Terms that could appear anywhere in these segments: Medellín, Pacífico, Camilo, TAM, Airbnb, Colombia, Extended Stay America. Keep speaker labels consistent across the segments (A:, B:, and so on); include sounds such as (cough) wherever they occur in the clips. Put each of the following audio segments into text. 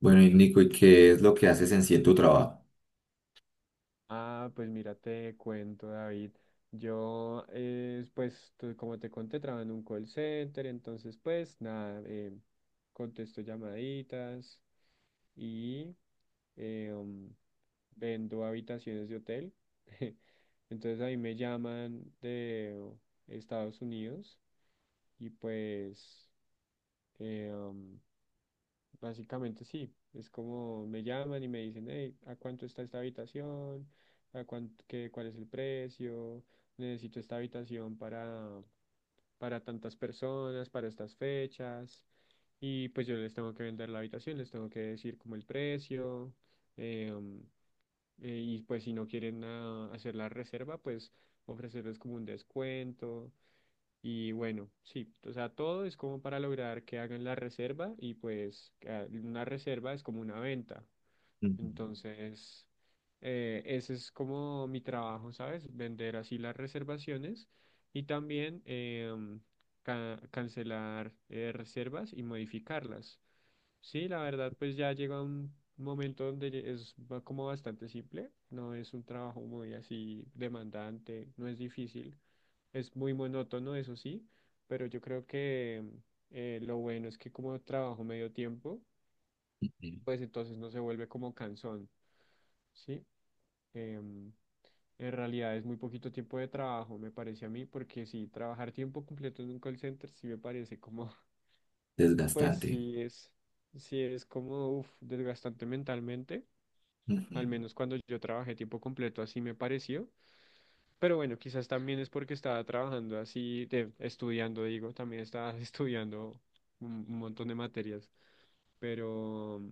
A: Bueno, y Nico, ¿y qué es lo que haces en sí en tu trabajo?
B: Ah, pues mira, te cuento, David. Yo, pues, como te conté, trabajo en un call center, entonces, pues, nada, contesto llamaditas y eh, um, vendo habitaciones de hotel. (laughs) Entonces, ahí me llaman de Estados Unidos y pues, eh, um, básicamente sí, es como me llaman y me dicen, hey, ¿a cuánto está esta habitación? ¿A cuánto, qué, cuál es el precio? Necesito esta habitación para tantas personas, para estas fechas. Y pues yo les tengo que vender la habitación, les tengo que decir como el precio. em, y pues si no quieren hacer la reserva, pues ofrecerles como un descuento. Y bueno, sí, o sea, todo es como para lograr que hagan la reserva y pues una reserva es como una venta.
A: Ujú,
B: Entonces, ese es como mi trabajo, ¿sabes? Vender así las reservaciones y también cancelar reservas y modificarlas. Sí, la verdad, pues ya llega un momento donde ya como bastante simple, no es un trabajo muy así demandante, no es difícil, es muy monótono, eso sí, pero yo creo que lo bueno es que como trabajo medio tiempo,
A: ujú.
B: pues entonces no se vuelve como cansón. Sí, em, en realidad es muy poquito tiempo de trabajo, me parece a mí, porque si trabajar tiempo completo en un call center sí me parece como, (laughs) pues
A: Desgastante.
B: sí es como, uf, desgastante mentalmente,
A: Ujú.
B: al menos cuando yo trabajé tiempo completo así me pareció, pero bueno, quizás también es porque estaba trabajando así, de, estudiando, digo, también estaba (laughs) estudiando un montón de materias, pero,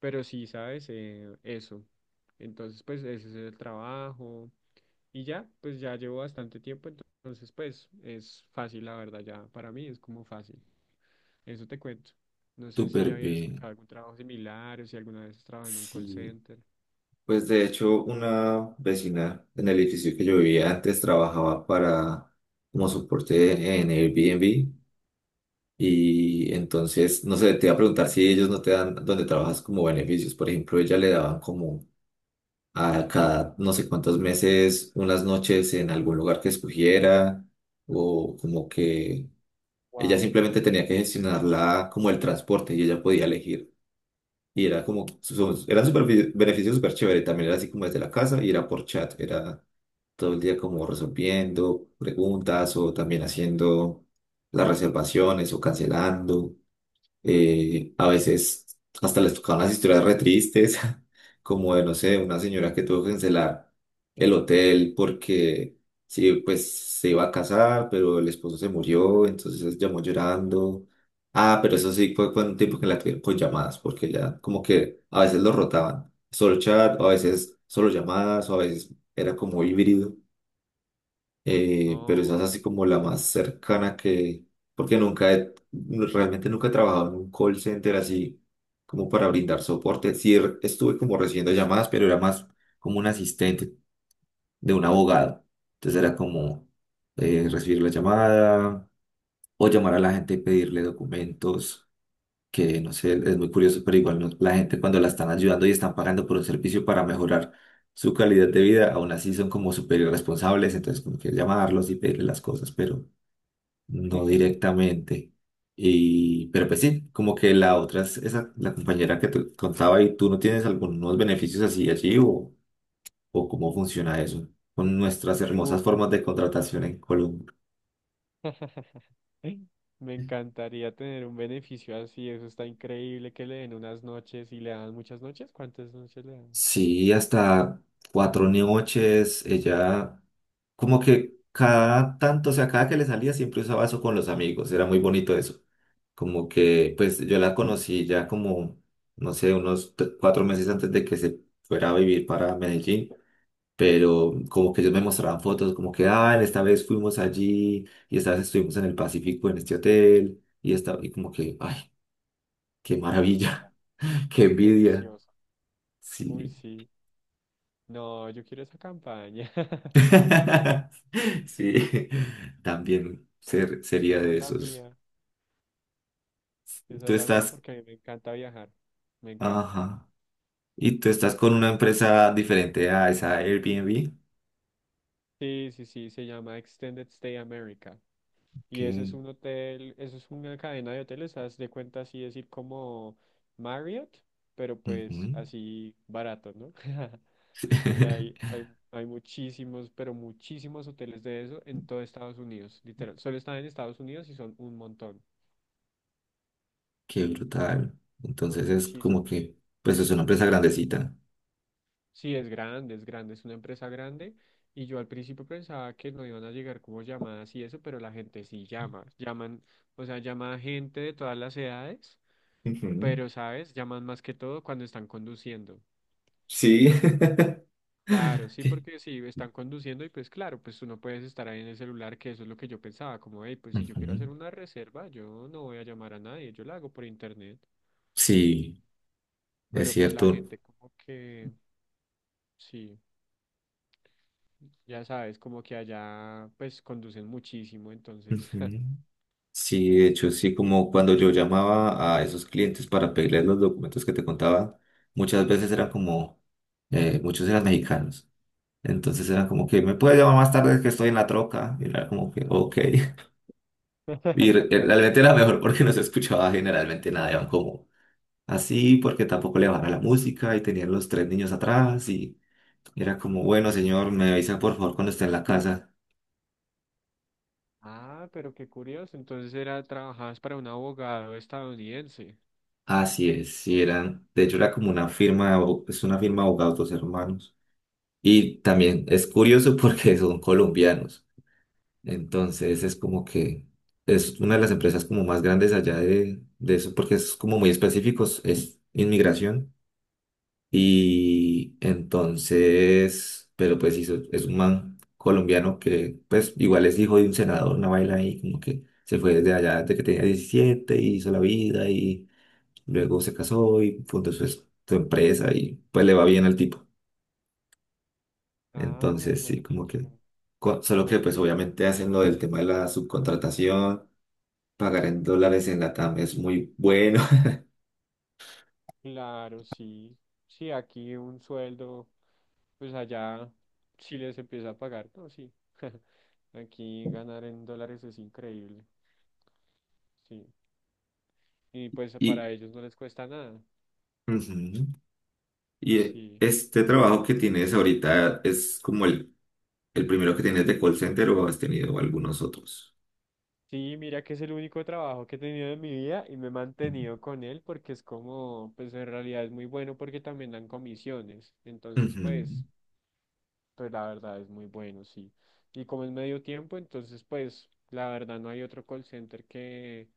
B: pero sí, ¿sabes? Eso. Entonces, pues ese es el trabajo. Y ya, pues ya llevo bastante tiempo, entonces pues es fácil, la verdad, ya para mí es como fácil. Eso te cuento. No sé si
A: Súper
B: habías
A: bien.
B: escuchado algún trabajo similar o si alguna vez has trabajado en un call
A: Sí,
B: center.
A: pues de hecho una vecina en el edificio que yo vivía antes trabajaba para como soporte en Airbnb y entonces, no sé, te iba a preguntar si ellos no te dan donde trabajas como beneficios. Por ejemplo, ella le daban como a cada no sé cuántos meses unas noches en algún lugar que escogiera o como que. Ella
B: Wow.
A: simplemente tenía que gestionarla como el transporte y ella podía elegir. Y era como, era súper beneficio súper chévere. También era así como desde la casa y era por chat. Era todo el día como resolviendo preguntas o también haciendo las reservaciones o cancelando. A veces hasta les tocaban las historias re tristes, (laughs) como de, no sé, una señora que tuvo que cancelar el hotel porque sí, pues se iba a casar, pero el esposo se murió, entonces llamó llorando. Ah, pero eso sí fue, fue un tiempo que la tuvieron con llamadas, porque ya como que a veces lo rotaban, solo chat, o a veces solo llamadas, o a veces era como híbrido pero esa
B: Oh,
A: es así como la más cercana que, porque nunca he, realmente nunca he trabajado en un call center así como para brindar soporte. Sí estuve como recibiendo llamadas, pero era más como un asistente de un abogado. Entonces era como recibir la llamada o llamar a la gente y pedirle documentos que no sé, es muy curioso, pero igual la gente cuando la están ayudando y están pagando por un servicio para mejorar su calidad de vida, aún así son como súper irresponsables, entonces como que llamarlos y pedirles las cosas, pero no
B: (laughs)
A: directamente. Y, pero pues sí, como que la otra es esa, la compañera que te contaba y tú no tienes algunos beneficios así allí o cómo funciona eso con nuestras
B: uh,
A: hermosas formas de contratación en Colombia.
B: (laughs) me encantaría tener un beneficio así, eso está increíble que le den unas noches y le dan muchas noches. ¿Cuántas noches le dan?
A: Sí, hasta 4 noches, ella como que cada tanto, o sea, cada que le salía siempre usaba eso con los amigos, era muy bonito eso. Como que, pues yo la conocí ya como, no sé, unos 4 meses antes de que se fuera a vivir para Medellín, pero como que ellos me mostraban fotos, como que, ah, esta vez fuimos allí y esta vez estuvimos en el Pacífico en este hotel y, esta, y como que, ay, qué maravilla, (laughs) qué envidia,
B: Delicioso. Uy,
A: sí.
B: sí. No, yo quiero esa campaña. (laughs)
A: (laughs) Sí, también sería
B: Esa
A: de
B: es la
A: esos.
B: mía. Esa
A: Tú
B: es la mía
A: estás,
B: porque a mí me encanta viajar. Me encanta.
A: ajá, y tú estás con una empresa diferente a esa Airbnb.
B: Sí, sí, sí, se llama Extended Stay America. Y eso es
A: Que,
B: un hotel, eso es una cadena de hoteles, haz de cuenta así decir como Marriott, pero
A: ujú.
B: pues así barato, ¿no? (laughs) Y
A: (laughs)
B: hay muchísimos, pero muchísimos hoteles de eso en todo Estados Unidos, literal. Solo están en Estados Unidos y son un montón.
A: Qué
B: Sí,
A: brutal.
B: son
A: Entonces es como
B: muchísimos.
A: que, pues es una empresa grandecita.
B: Sí, es grande, es grande, es una empresa grande. Y yo al principio pensaba que no iban a llegar como llamadas y eso, pero la gente sí llama. Llaman, o sea, llama a gente de todas las edades,
A: Ujú.
B: pero, ¿sabes? Llaman más que todo cuando están conduciendo, ¿sí?
A: Sí. (laughs)
B: Claro, sí, porque si están conduciendo y pues claro, pues tú no puedes estar ahí en el celular, que eso es lo que yo pensaba, como, hey, pues si yo quiero
A: Ujú.
B: hacer una reserva, yo no voy a llamar a nadie, yo la hago por internet.
A: Sí, es
B: Pero pues la
A: cierto.
B: gente como que, sí. Ya sabes, como que allá pues conducen muchísimo, entonces.
A: Ujú. Sí, de hecho, sí, como cuando yo llamaba a esos clientes para pedirles los documentos que te contaba, muchas veces eran como, muchos eran mexicanos. Entonces eran como que, ¿me puedes llamar más tarde que estoy en la troca? Y era como que, ok. (laughs) Y
B: (laughs) La
A: realmente
B: trama.
A: era mejor porque no se escuchaba generalmente nada, eran como así, porque tampoco le bajaba la música y tenían los tres niños atrás y era como, bueno, señor, me avisa por favor cuando esté en la casa.
B: Ah, pero qué curioso. Entonces era, trabajabas para un abogado estadounidense.
A: Así es, sí, eran, de hecho era como una firma, de es una firma de abogados, dos hermanos. Y también es curioso (laughs) porque son colombianos. Entonces es como que es una de las empresas como más grandes allá de eso porque es como muy específicos, es inmigración. Y entonces, pero pues es un man colombiano que pues igual es hijo de un senador, una vaina ahí como que se fue desde allá desde que tenía 17 y hizo la vida y luego se casó y fundó su, su empresa y pues le va bien al tipo.
B: Ah,
A: Entonces, sí,
B: mejor
A: como que,
B: dicho.
A: solo que pues obviamente hacen lo del tema de la subcontratación, pagar en dólares en la TAM es muy bueno. (laughs)
B: Claro, sí. Sí, aquí un sueldo, pues allá sí les empieza a pagar, ¿no? Sí. (laughs) Aquí ganar en dólares es increíble. Sí. Y pues
A: Y,
B: para ellos no les cuesta nada.
A: ujú. Y
B: Sí.
A: este trabajo que tienes ahorita es como el primero que tienes de call center o has tenido algunos otros.
B: Sí, mira que es el único trabajo que he tenido en mi vida y me he mantenido con él porque es como, pues en realidad es muy bueno porque también dan comisiones. Entonces,
A: Ujú,
B: pues la verdad es muy bueno, sí. Y como es medio tiempo, entonces, pues, la verdad no hay otro call center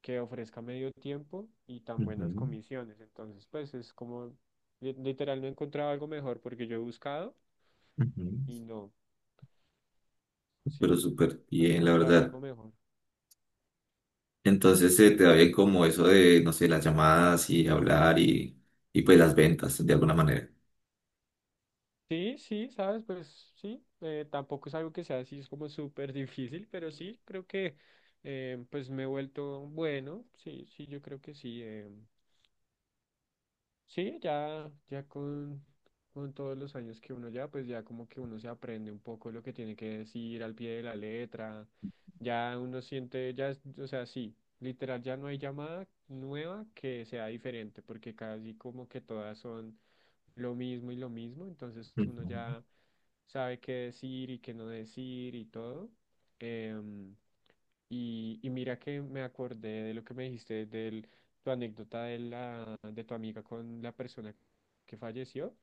B: que ofrezca medio tiempo y tan buenas
A: ujú,
B: comisiones. Entonces, pues es como, literal, no he encontrado algo mejor porque yo he buscado
A: ujú.
B: y no,
A: Pero
B: sí,
A: súper
B: no he
A: bien, la
B: encontrado algo
A: verdad.
B: mejor.
A: Entonces se
B: Mm.
A: te da bien como eso de, no sé, las llamadas y hablar y pues las ventas de alguna manera.
B: Sí, sí, sabes, pues sí, tampoco es algo que sea así, es como súper (laughs) difícil, pero sí, creo que pues me he vuelto bueno, sí, sí, yo creo que sí, sí, con todos los años que uno ya, pues ya como que uno se aprende un poco lo que tiene que decir al pie de la letra, ya uno siente, ya, o sea, sí, literal, ya no hay llamada nueva que sea diferente, porque casi como que todas son lo mismo y lo mismo, entonces uno
A: Ujú,
B: ya sabe qué decir y qué no decir y todo. Em, y mira que me acordé de lo que me dijiste de tu anécdota de tu amiga con la persona que falleció.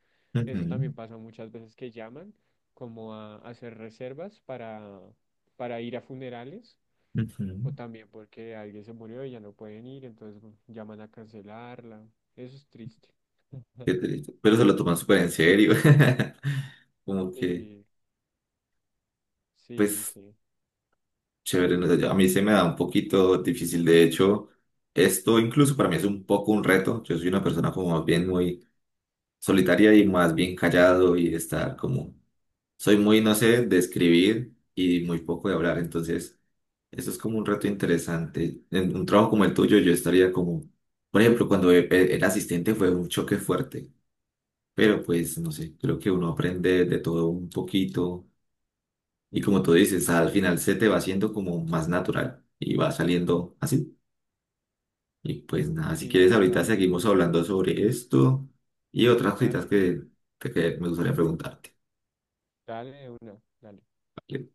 B: Eso
A: ujú.
B: también pasa muchas veces que llaman como a hacer reservas para ir a funerales
A: Ujú.
B: o también porque alguien se murió y ya no pueden ir, entonces llaman a cancelarla. Eso es triste. (laughs)
A: Qué triste. Pero se lo toman súper en serio. (laughs) Como que,
B: Sí, sí, sí,
A: pues,
B: sí.
A: chévere. No sé, yo- a mí se me da un poquito difícil. De hecho, esto incluso para mí es un poco un reto. Yo soy una persona como más bien muy solitaria y más bien callado y estar como... Soy muy, no sé, de escribir y muy poco de hablar. Entonces, eso es como un reto interesante. En un trabajo como el tuyo, yo estaría como... Por ejemplo, cuando era asistente fue un choque fuerte. Pero pues, no sé, creo que uno aprende de todo un poquito y como tú dices, al final se te va haciendo como más natural y va saliendo así. Y pues nada, si
B: Sí,
A: quieres ahorita
B: total.
A: seguimos hablando sobre esto y otras cositas
B: Dale,
A: que, que me gustaría preguntarte.
B: dale de una, dale.
A: ¿Vale?